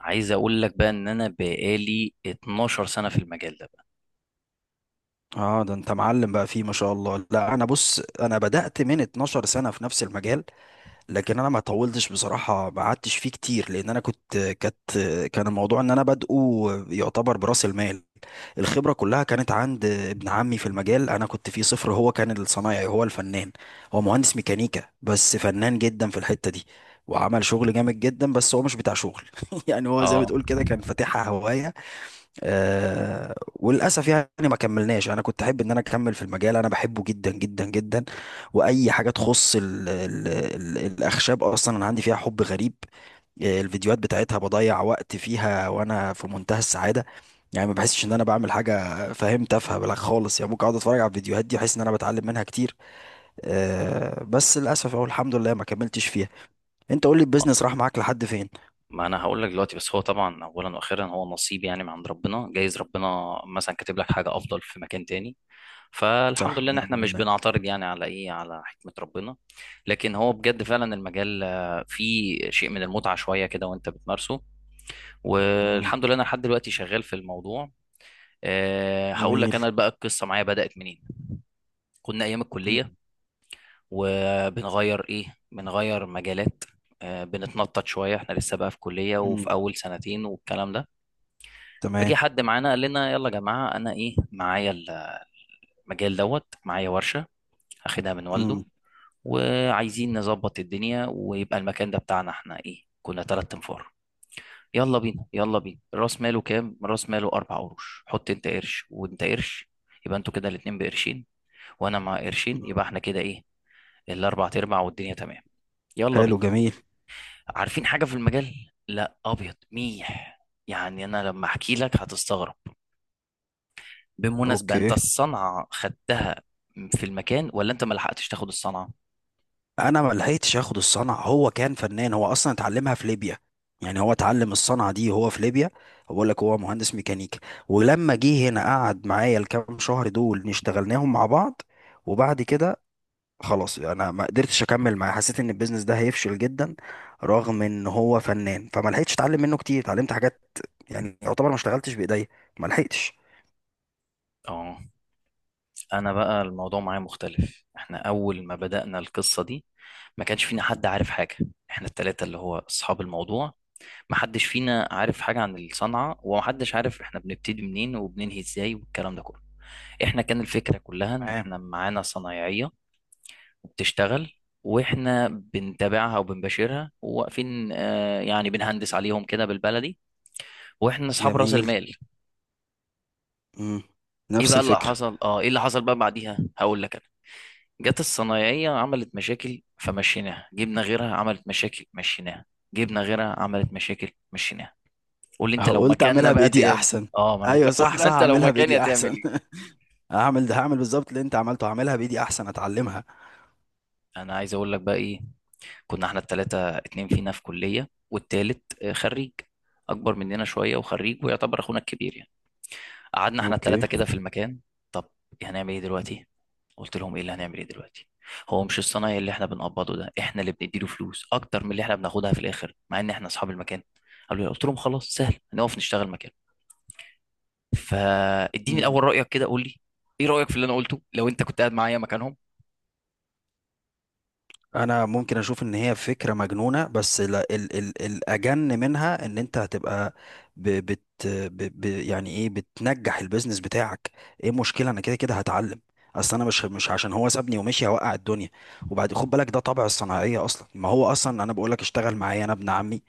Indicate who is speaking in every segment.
Speaker 1: عايز اقول لك بقى ان انا بقالي 12 سنة في المجال ده بقى.
Speaker 2: اه، ده انت معلم بقى، فيه ما شاء الله. لا انا بص، انا بدأت من 12 سنة في نفس المجال. لكن انا ما طولتش بصراحة، ما قعدتش فيه كتير، لان انا كنت كانت كان الموضوع ان انا بادئه يعتبر برأس المال. الخبرة كلها كانت عند ابن عمي في المجال، انا كنت فيه صفر. هو كان الصنايعي، هو الفنان. هو مهندس ميكانيكا بس فنان جدا في الحتة دي، وعمل شغل جامد جدا، بس هو مش بتاع شغل. يعني هو زي ما
Speaker 1: اه
Speaker 2: تقول كده، كان فاتحها هواية. وللاسف يعني ما كملناش. انا كنت احب ان انا اكمل في المجال، انا بحبه جدا جدا جدا. واي حاجه تخص ال ال ال الاخشاب اصلا، انا عندي فيها حب غريب. الفيديوهات بتاعتها بضيع وقت فيها وانا في منتهى السعاده. يعني ما بحسش ان انا بعمل حاجه فاهم، تافهه بلا خالص. يعني ممكن اقعد اتفرج على الفيديوهات دي، احس ان انا بتعلم منها كتير. بس للاسف او الحمد لله ما كملتش فيها. انت قول لي،
Speaker 1: هو-
Speaker 2: البيزنس راح معاك لحد فين؟
Speaker 1: ما انا هقول لك دلوقتي، بس هو طبعا اولا واخيرا هو نصيب، يعني من عند ربنا، جايز ربنا مثلا كاتب لك حاجة افضل في مكان تاني. فالحمد
Speaker 2: صح،
Speaker 1: لله ان
Speaker 2: نعم
Speaker 1: احنا مش
Speaker 2: بالله.
Speaker 1: بنعترض يعني على ايه، على حكمة ربنا. لكن هو بجد فعلا المجال فيه شيء من المتعة شوية كده وانت بتمارسه.
Speaker 2: مم.
Speaker 1: والحمد لله انا لحد دلوقتي شغال في الموضوع. هقول لك
Speaker 2: جميل.
Speaker 1: انا بقى القصة معايا بدأت منين. كنا ايام
Speaker 2: مم.
Speaker 1: الكلية وبنغير ايه، بنغير مجالات. بنتنطط شويه، احنا لسه بقى في كليه وفي
Speaker 2: مم.
Speaker 1: اول سنتين والكلام ده.
Speaker 2: تمام.
Speaker 1: فجي حد معانا قال لنا يلا يا جماعه، انا ايه معايا المجال دوت، معايا ورشه اخدها من والده وعايزين نظبط الدنيا ويبقى المكان ده بتاعنا. احنا ايه، كنا تلات انفار. يلا بينا يلا بينا، راس ماله كام؟ راس ماله اربع قروش. حط انت قرش وانت قرش، يبقى انتوا كده الاتنين بقرشين، وانا مع قرشين، يبقى
Speaker 2: مم.
Speaker 1: احنا كده ايه، الاربع تربع والدنيا تمام. يلا
Speaker 2: حلو،
Speaker 1: بينا.
Speaker 2: جميل.
Speaker 1: عارفين حاجة في المجال؟ لا، أبيض ميح. يعني أنا لما أحكي لك هتستغرب. بالمناسبة، أنت
Speaker 2: اوكي.
Speaker 1: الصنعة خدتها في المكان، ولا أنت ما لحقتش تاخد الصنعة؟
Speaker 2: انا ما لحقتش اخد الصنعه، هو كان فنان. هو اصلا اتعلمها في ليبيا، يعني هو اتعلم الصنعه دي هو في ليبيا. بقول لك هو مهندس ميكانيكا. ولما جه هنا قعد معايا الكام شهر دول، اشتغلناهم مع بعض. وبعد كده خلاص، انا ما قدرتش اكمل معاه، حسيت ان البيزنس ده هيفشل جدا. رغم ان هو فنان، فما لحقتش اتعلم منه كتير، اتعلمت حاجات. يعني يعتبر ما اشتغلتش بايديا، ما لحقتش.
Speaker 1: آه. أنا بقى الموضوع معايا مختلف. إحنا أول ما بدأنا القصة دي ما كانش فينا حد عارف حاجة. إحنا التلاتة اللي هو أصحاب الموضوع، ما حدش فينا عارف حاجة عن الصنعة، وما حدش عارف إحنا بنبتدي منين وبننهي إزاي والكلام ده كله. إحنا كان الفكرة كلها إن
Speaker 2: تمام.
Speaker 1: إحنا معانا صنايعية بتشتغل، واحنا بنتابعها وبنباشرها وواقفين، آه يعني بنهندس عليهم كده بالبلدي، واحنا اصحاب راس
Speaker 2: جميل.
Speaker 1: المال.
Speaker 2: مم.
Speaker 1: ايه
Speaker 2: نفس
Speaker 1: بقى اللي
Speaker 2: الفكره.
Speaker 1: حصل، ايه اللي حصل بعديها هقول لك انا. جت الصنايعيه عملت مشاكل فمشيناها، جبنا غيرها عملت مشاكل مشيناها، جبنا غيرها عملت مشاكل مشيناها. قول لي انت لو
Speaker 2: قلت
Speaker 1: مكاننا
Speaker 2: اعملها
Speaker 1: بقى
Speaker 2: بايدي
Speaker 1: دي.
Speaker 2: احسن.
Speaker 1: اه، ما انا بقول
Speaker 2: ايوه،
Speaker 1: لك، قول لي
Speaker 2: صح
Speaker 1: بقى
Speaker 2: صح،
Speaker 1: انت لو
Speaker 2: اعملها
Speaker 1: مكاني
Speaker 2: بايدي
Speaker 1: هتعمل
Speaker 2: احسن.
Speaker 1: ايه.
Speaker 2: هعمل ده، هعمل بالظبط اللي انت عملته، هعملها بايدي احسن اتعلمها.
Speaker 1: انا عايز اقول لك بقى ايه. كنا احنا التلاتة، اتنين فينا في كلية والتالت خريج، أكبر مننا شوية وخريج ويعتبر أخونا الكبير يعني. قعدنا احنا
Speaker 2: اوكي.
Speaker 1: التلاتة كده في المكان. طب هنعمل ايه دلوقتي؟ قلت لهم ايه اللي هنعمل ايه دلوقتي؟ هو مش الصنايعي اللي احنا بنقبضه ده احنا اللي بنديله فلوس أكتر من اللي احنا بناخدها في الآخر، مع إن احنا أصحاب المكان. قالوا لي، قلت لهم خلاص سهل، هنقف نشتغل مكان. فاديني
Speaker 2: مم.
Speaker 1: الأول رأيك كده، قول لي ايه رأيك في اللي أنا قلته لو أنت كنت قاعد معايا مكانهم.
Speaker 2: انا ممكن اشوف ان هي فكره مجنونه، بس لا، ال ال الاجن منها ان انت هتبقى، ب بت ب ب يعني ايه، بتنجح البيزنس بتاعك. ايه المشكله؟ انا كده كده هتعلم. اصل انا مش عشان هو سابني ومشي هوقع الدنيا. وبعد خد بالك، ده طبع الصناعيه اصلا. ما هو اصلا انا بقول لك، اشتغل معايا انا ابن عمي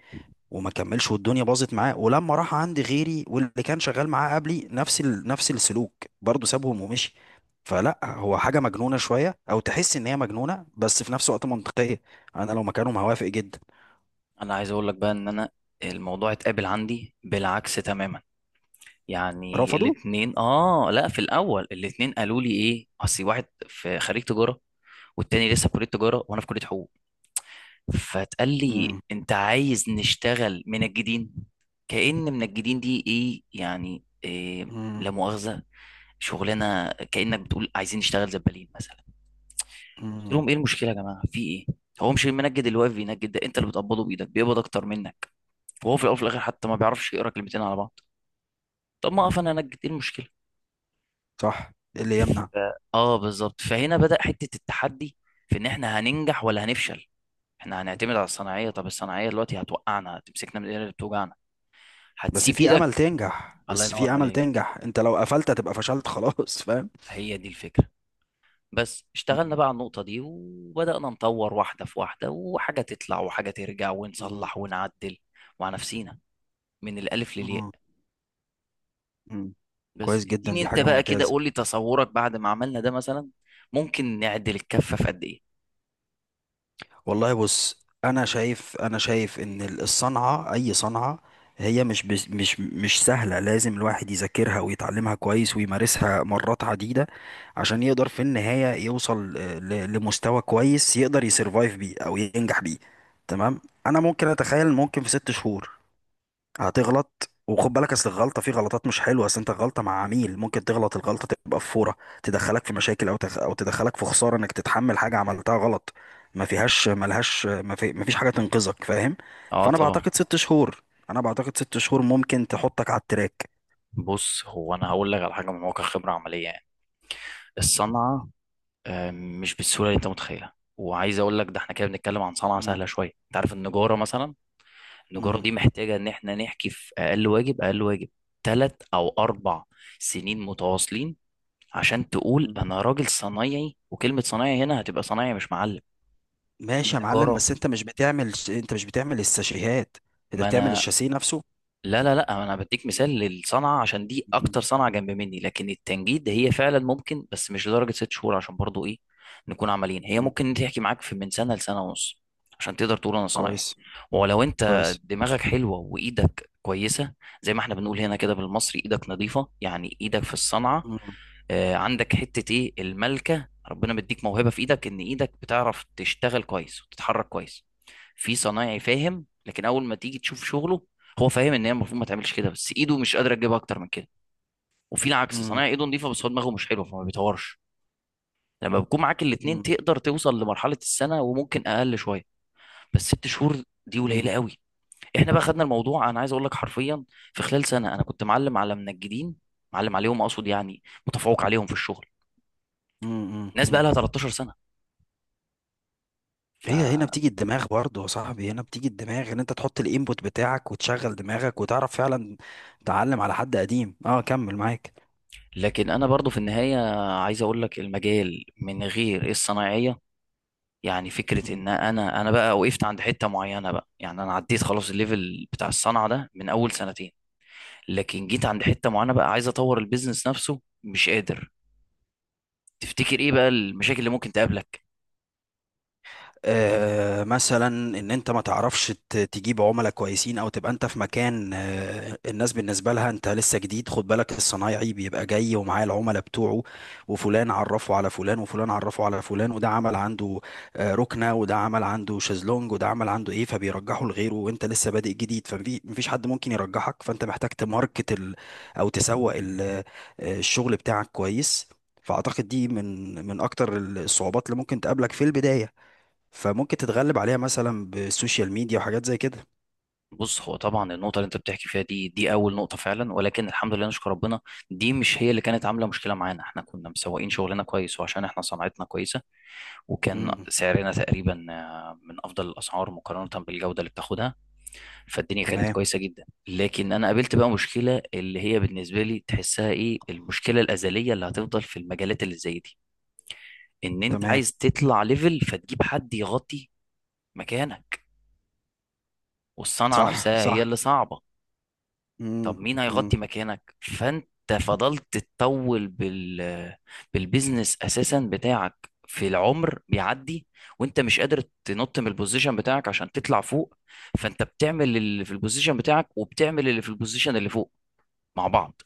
Speaker 2: وما كملش والدنيا باظت معاه، ولما راح عند غيري واللي كان شغال معاه قبلي، نفس السلوك، برضه سابهم ومشي. فلا، هو حاجة مجنونة شوية او تحس ان هي مجنونة، بس في نفس الوقت منطقية. انا لو مكانهم هوافق جدا.
Speaker 1: أنا عايز أقول لك بقى إن الموضوع اتقابل عندي بالعكس تماما. يعني
Speaker 2: رفضوا.
Speaker 1: الاتنين، اه لا في الاول الاتنين قالوا لي ايه، اصل واحد في خريج تجاره والتاني لسه في كليه تجاره وانا في كليه حقوق. فتقال لي
Speaker 2: مم.
Speaker 1: انت عايز نشتغل منجدين، كأن منجدين دي ايه يعني إيه،
Speaker 2: مم.
Speaker 1: لا مؤاخذه، شغلانه، كأنك بتقول عايزين نشتغل زبالين مثلا. قلت
Speaker 2: مم.
Speaker 1: لهم ايه المشكله يا جماعه في ايه؟ هو مش المنجد اللي واقف بينجد ده انت اللي بتقبضه بايدك بيقبض اكتر منك؟ وهو في الاول وفي الاخر حتى ما بيعرفش يقرا كلمتين على بعض. طب ما اقف انا انجد، ايه المشكله؟
Speaker 2: صح، إيه اللي يمنع؟
Speaker 1: ف- اه بالظبط. فهنا بدأ حتة التحدي في ان احنا هننجح ولا هنفشل. احنا هنعتمد على الصناعية، طب الصناعية دلوقتي هتوقعنا، هتمسكنا من الايد اللي بتوجعنا
Speaker 2: بس
Speaker 1: هتسيب
Speaker 2: في امل
Speaker 1: ايدك.
Speaker 2: تنجح،
Speaker 1: الله
Speaker 2: بس في
Speaker 1: ينور
Speaker 2: امل
Speaker 1: عليك،
Speaker 2: تنجح. انت لو قفلت هتبقى فشلت خلاص. فاهم.
Speaker 1: هي دي الفكرة. بس اشتغلنا
Speaker 2: مم.
Speaker 1: بقى على النقطة دي، وبدأنا نطور واحدة في واحدة وحاجة تطلع وحاجة ترجع
Speaker 2: مم.
Speaker 1: ونصلح ونعدل مع نفسينا من الألف للياء.
Speaker 2: مم. مم.
Speaker 1: بس
Speaker 2: كويس جدا،
Speaker 1: اديني
Speaker 2: دي
Speaker 1: انت
Speaker 2: حاجة
Speaker 1: بقى كده،
Speaker 2: ممتازة.
Speaker 1: قول لي تصورك بعد ما عملنا ده مثلا ممكن نعدل الكفة في قد ايه.
Speaker 2: والله بص، انا شايف ان الصنعه، اي صنعه، هي مش بس مش سهله. لازم الواحد يذاكرها ويتعلمها كويس ويمارسها مرات عديده، عشان يقدر في النهايه يوصل لمستوى كويس، يقدر يسرفايف بيه او ينجح بيه. تمام. انا ممكن اتخيل ممكن في 6 شهور هتغلط، وخد بالك اصل الغلطه في غلطات مش حلوه. اصل انت، غلطه مع عميل ممكن تغلط، الغلطه تبقى في فوره تدخلك في مشاكل، او تدخلك في خساره انك تتحمل حاجه عملتها غلط. ما فيهاش ملهاش ما, في... ما فيش حاجه تنقذك، فاهم.
Speaker 1: اه
Speaker 2: فانا
Speaker 1: طبعا.
Speaker 2: بعتقد ست شهور انا بعتقد ست شهور ممكن تحطك على التراك.
Speaker 1: بص هو انا هقول لك على حاجه من واقع خبره عمليه يعني. الصنعه مش بالسهوله اللي انت متخيلها. وعايز اقول لك ده احنا كده بنتكلم عن صنعه
Speaker 2: مم.
Speaker 1: سهله شويه. انت عارف النجاره مثلا، النجاره
Speaker 2: مم.
Speaker 1: دي محتاجه ان احنا نحكي في اقل واجب، اقل واجب ثلاث او اربع سنين متواصلين عشان تقول
Speaker 2: مم.
Speaker 1: انا راجل صنايعي. وكلمه صنايعي هنا هتبقى صنايعي مش معلم.
Speaker 2: ماشي يا معلم،
Speaker 1: النجاره
Speaker 2: بس انت مش بتعمل الساشيهات، انت
Speaker 1: ما
Speaker 2: بتعمل
Speaker 1: انا
Speaker 2: الشاسيه نفسه.
Speaker 1: لا لا لا انا بديك مثال للصنعه عشان دي
Speaker 2: مم.
Speaker 1: اكتر صنعه جنب مني، لكن التنجيد هي فعلا ممكن، بس مش لدرجه ست شهور. عشان برضو ايه، نكون عمليين، هي
Speaker 2: مم.
Speaker 1: ممكن تحكي معاك في من سنه لسنه ونص عشان تقدر تقول انا صنايعي،
Speaker 2: كويس
Speaker 1: ولو انت
Speaker 2: كويس.
Speaker 1: دماغك حلوه وايدك كويسه، زي ما احنا بنقول هنا كده بالمصري، ايدك نظيفه، يعني ايدك في الصنعه،
Speaker 2: مم.
Speaker 1: عندك حتة ايه، الملكة، ربنا مديك موهبة في ايدك ان ايدك بتعرف تشتغل كويس وتتحرك كويس. في صنايعي فاهم، لكن اول ما تيجي تشوف شغله هو فاهم ان هي المفروض ما تعملش كده، بس ايده مش قادرة تجيبها اكتر من كده. وفي العكس
Speaker 2: مم.
Speaker 1: صنايعي ايده نظيفة بس هو دماغه مش حلوة فما بيطورش. لما بيكون معاك الاتنين
Speaker 2: مم.
Speaker 1: تقدر توصل لمرحلة السنة، وممكن اقل شوية، بس ست شهور دي
Speaker 2: مم.
Speaker 1: قليلة قوي. احنا بقى خدنا الموضوع، انا عايز اقول لك حرفيا، في خلال سنة انا كنت معلم على منجدين. معلم عليهم اقصد يعني متفوق عليهم في الشغل،
Speaker 2: مم.
Speaker 1: ناس بقى
Speaker 2: مم.
Speaker 1: لها 13 سنه. ف...
Speaker 2: هي هنا بتيجي الدماغ برضه يا صاحبي، هنا بتيجي الدماغ ان انت تحط الانبوت بتاعك وتشغل دماغك وتعرف فعلا. تعلم على حد قديم، اه، كمل معاك.
Speaker 1: لكن انا برضو في النهايه عايز اقول لك، المجال من غير الصنايعيه، يعني فكره ان انا بقى وقفت عند حته معينه بقى، يعني انا عديت خلاص الليفل بتاع الصنعه ده من اول سنتين، لكن جيت عند حته معينه بقى عايز اطور البيزنس نفسه مش قادر. تفتكر ايه بقى المشاكل اللي ممكن تقابلك؟
Speaker 2: مثلا ان انت ما تعرفش تجيب عملاء كويسين، او تبقى انت في مكان الناس بالنسبه لها انت لسه جديد. خد بالك، الصنايعي بيبقى جاي ومعاه العملاء بتوعه، وفلان عرفه على فلان وفلان عرفه على فلان، وده عمل عنده ركنه، وده عمل عنده شازلونج، وده عمل عنده ايه، فبيرجحه لغيره. وانت لسه بادئ جديد، فمفيش حد ممكن يرجحك. فانت محتاج تماركت ال او تسوق الشغل بتاعك كويس. فاعتقد دي من اكتر الصعوبات اللي ممكن تقابلك في البدايه، فممكن تتغلب عليها مثلا بالسوشيال ميديا وحاجات زي كده.
Speaker 1: بص، هو طبعا النقطه اللي انت بتحكي فيها دي اول نقطه فعلا، ولكن الحمد لله، نشكر ربنا، دي مش هي اللي كانت عامله مشكله معانا. احنا كنا مسوقين شغلنا كويس وعشان احنا صناعتنا كويسه، وكان
Speaker 2: امم.
Speaker 1: سعرنا تقريبا، من افضل الاسعار مقارنه بالجوده اللي بتاخدها. فالدنيا كانت
Speaker 2: تمام،
Speaker 1: كويسه جدا. لكن انا قابلت بقى مشكله اللي هي بالنسبه لي تحسها ايه، المشكله الازليه اللي هتفضل في المجالات اللي زي دي، ان انت
Speaker 2: تمام.
Speaker 1: عايز تطلع ليفل، فتجيب حد يغطي مكانك. والصنعه
Speaker 2: صح
Speaker 1: نفسها هي
Speaker 2: صح.
Speaker 1: اللي صعبه، طب
Speaker 2: امم.
Speaker 1: مين
Speaker 2: امم.
Speaker 1: هيغطي مكانك؟ فانت فضلت تطول بالبيزنس اساسا بتاعك، في العمر بيعدي وانت مش قادر تنط من البوزيشن بتاعك عشان تطلع فوق، فانت بتعمل اللي في البوزيشن بتاعك وبتعمل اللي في البوزيشن اللي فوق مع بعض.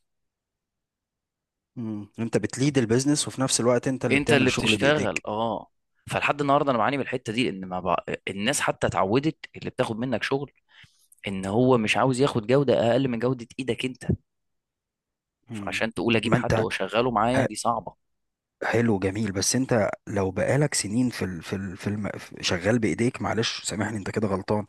Speaker 2: انت بتليد البيزنس وفي نفس الوقت انت اللي
Speaker 1: انت
Speaker 2: بتعمل
Speaker 1: اللي
Speaker 2: الشغل
Speaker 1: بتشتغل،
Speaker 2: بايديك.
Speaker 1: اه. فلحد النهارده انا بعاني من الحته دي، ان ما بق... الناس حتى اتعودت، اللي بتاخد منك شغل ان هو مش عاوز ياخد جوده اقل من جوده ايدك انت.
Speaker 2: امم
Speaker 1: فعشان تقول اجيب
Speaker 2: ما
Speaker 1: حد
Speaker 2: انت
Speaker 1: واشغله معايا
Speaker 2: ح-
Speaker 1: دي صعبه.
Speaker 2: حلو، جميل. بس انت لو بقالك سنين في ال في ال في الم... في- شغال بايديك، معلش سامحني، انت كده غلطان.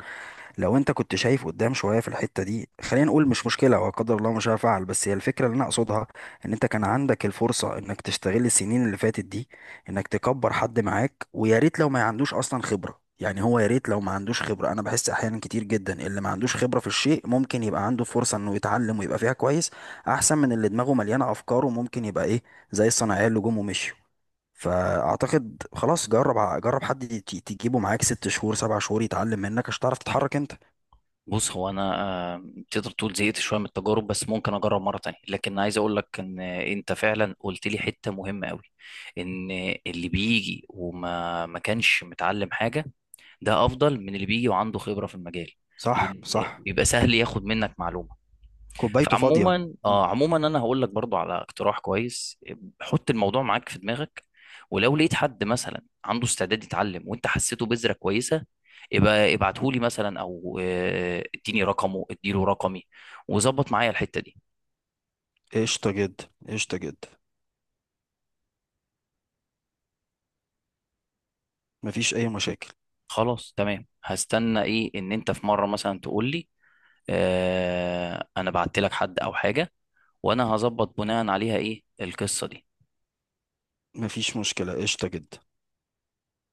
Speaker 2: لو انت كنت شايف قدام شويه في الحته دي، خلينا نقول مش مشكله، هو قدر الله مش هفعل، بس هي الفكره اللي انا اقصدها. ان انت كان عندك الفرصه انك تستغل السنين اللي فاتت دي، انك تكبر حد معاك، ويا ريت لو ما عندوش اصلا خبره، يعني هو يا ريت لو ما عندوش خبره. انا بحس احيانا كتير جدا اللي ما عندوش خبره في الشيء ممكن يبقى عنده فرصه انه يتعلم ويبقى فيها كويس، احسن من اللي دماغه مليانه افكار وممكن يبقى ايه، زي الصناعيه اللي جم ومشوا. فاعتقد خلاص، جرب، جرب حد تجيبه معاك 6 شهور 7 شهور يتعلم منك عشان تعرف تتحرك انت.
Speaker 1: بص هو انا آه، تقدر تقول زهقت شويه من التجارب، بس ممكن اجرب مره تانية. لكن عايز اقول لك ان انت فعلا قلت لي حته مهمه قوي، ان اللي بيجي وما ما كانش متعلم حاجه، ده افضل من اللي بيجي وعنده خبره في المجال،
Speaker 2: صح
Speaker 1: لان
Speaker 2: صح.
Speaker 1: بيبقى سهل ياخد منك معلومه.
Speaker 2: كوبايته فاضية.
Speaker 1: فعموما،
Speaker 2: مم.
Speaker 1: اه عموما انا هقول لك برضو على اقتراح كويس، حط الموضوع معاك في دماغك، ولو لقيت حد مثلا عنده استعداد يتعلم وانت حسيته بذرة كويسة، يبقى
Speaker 2: مم.
Speaker 1: ابعته لي مثلا، او اديني رقمه اديله رقمي وظبط معايا الحتة دي.
Speaker 2: قشطة جدا، قشطة جدا. مفيش أي مشاكل.
Speaker 1: خلاص تمام، هستنى ايه، ان انت في مرة مثلا تقول لي، انا بعت لك حد او حاجة، وانا هظبط بناء عليها ايه القصة دي.
Speaker 2: مفيش مشكلة، قشطة جدا.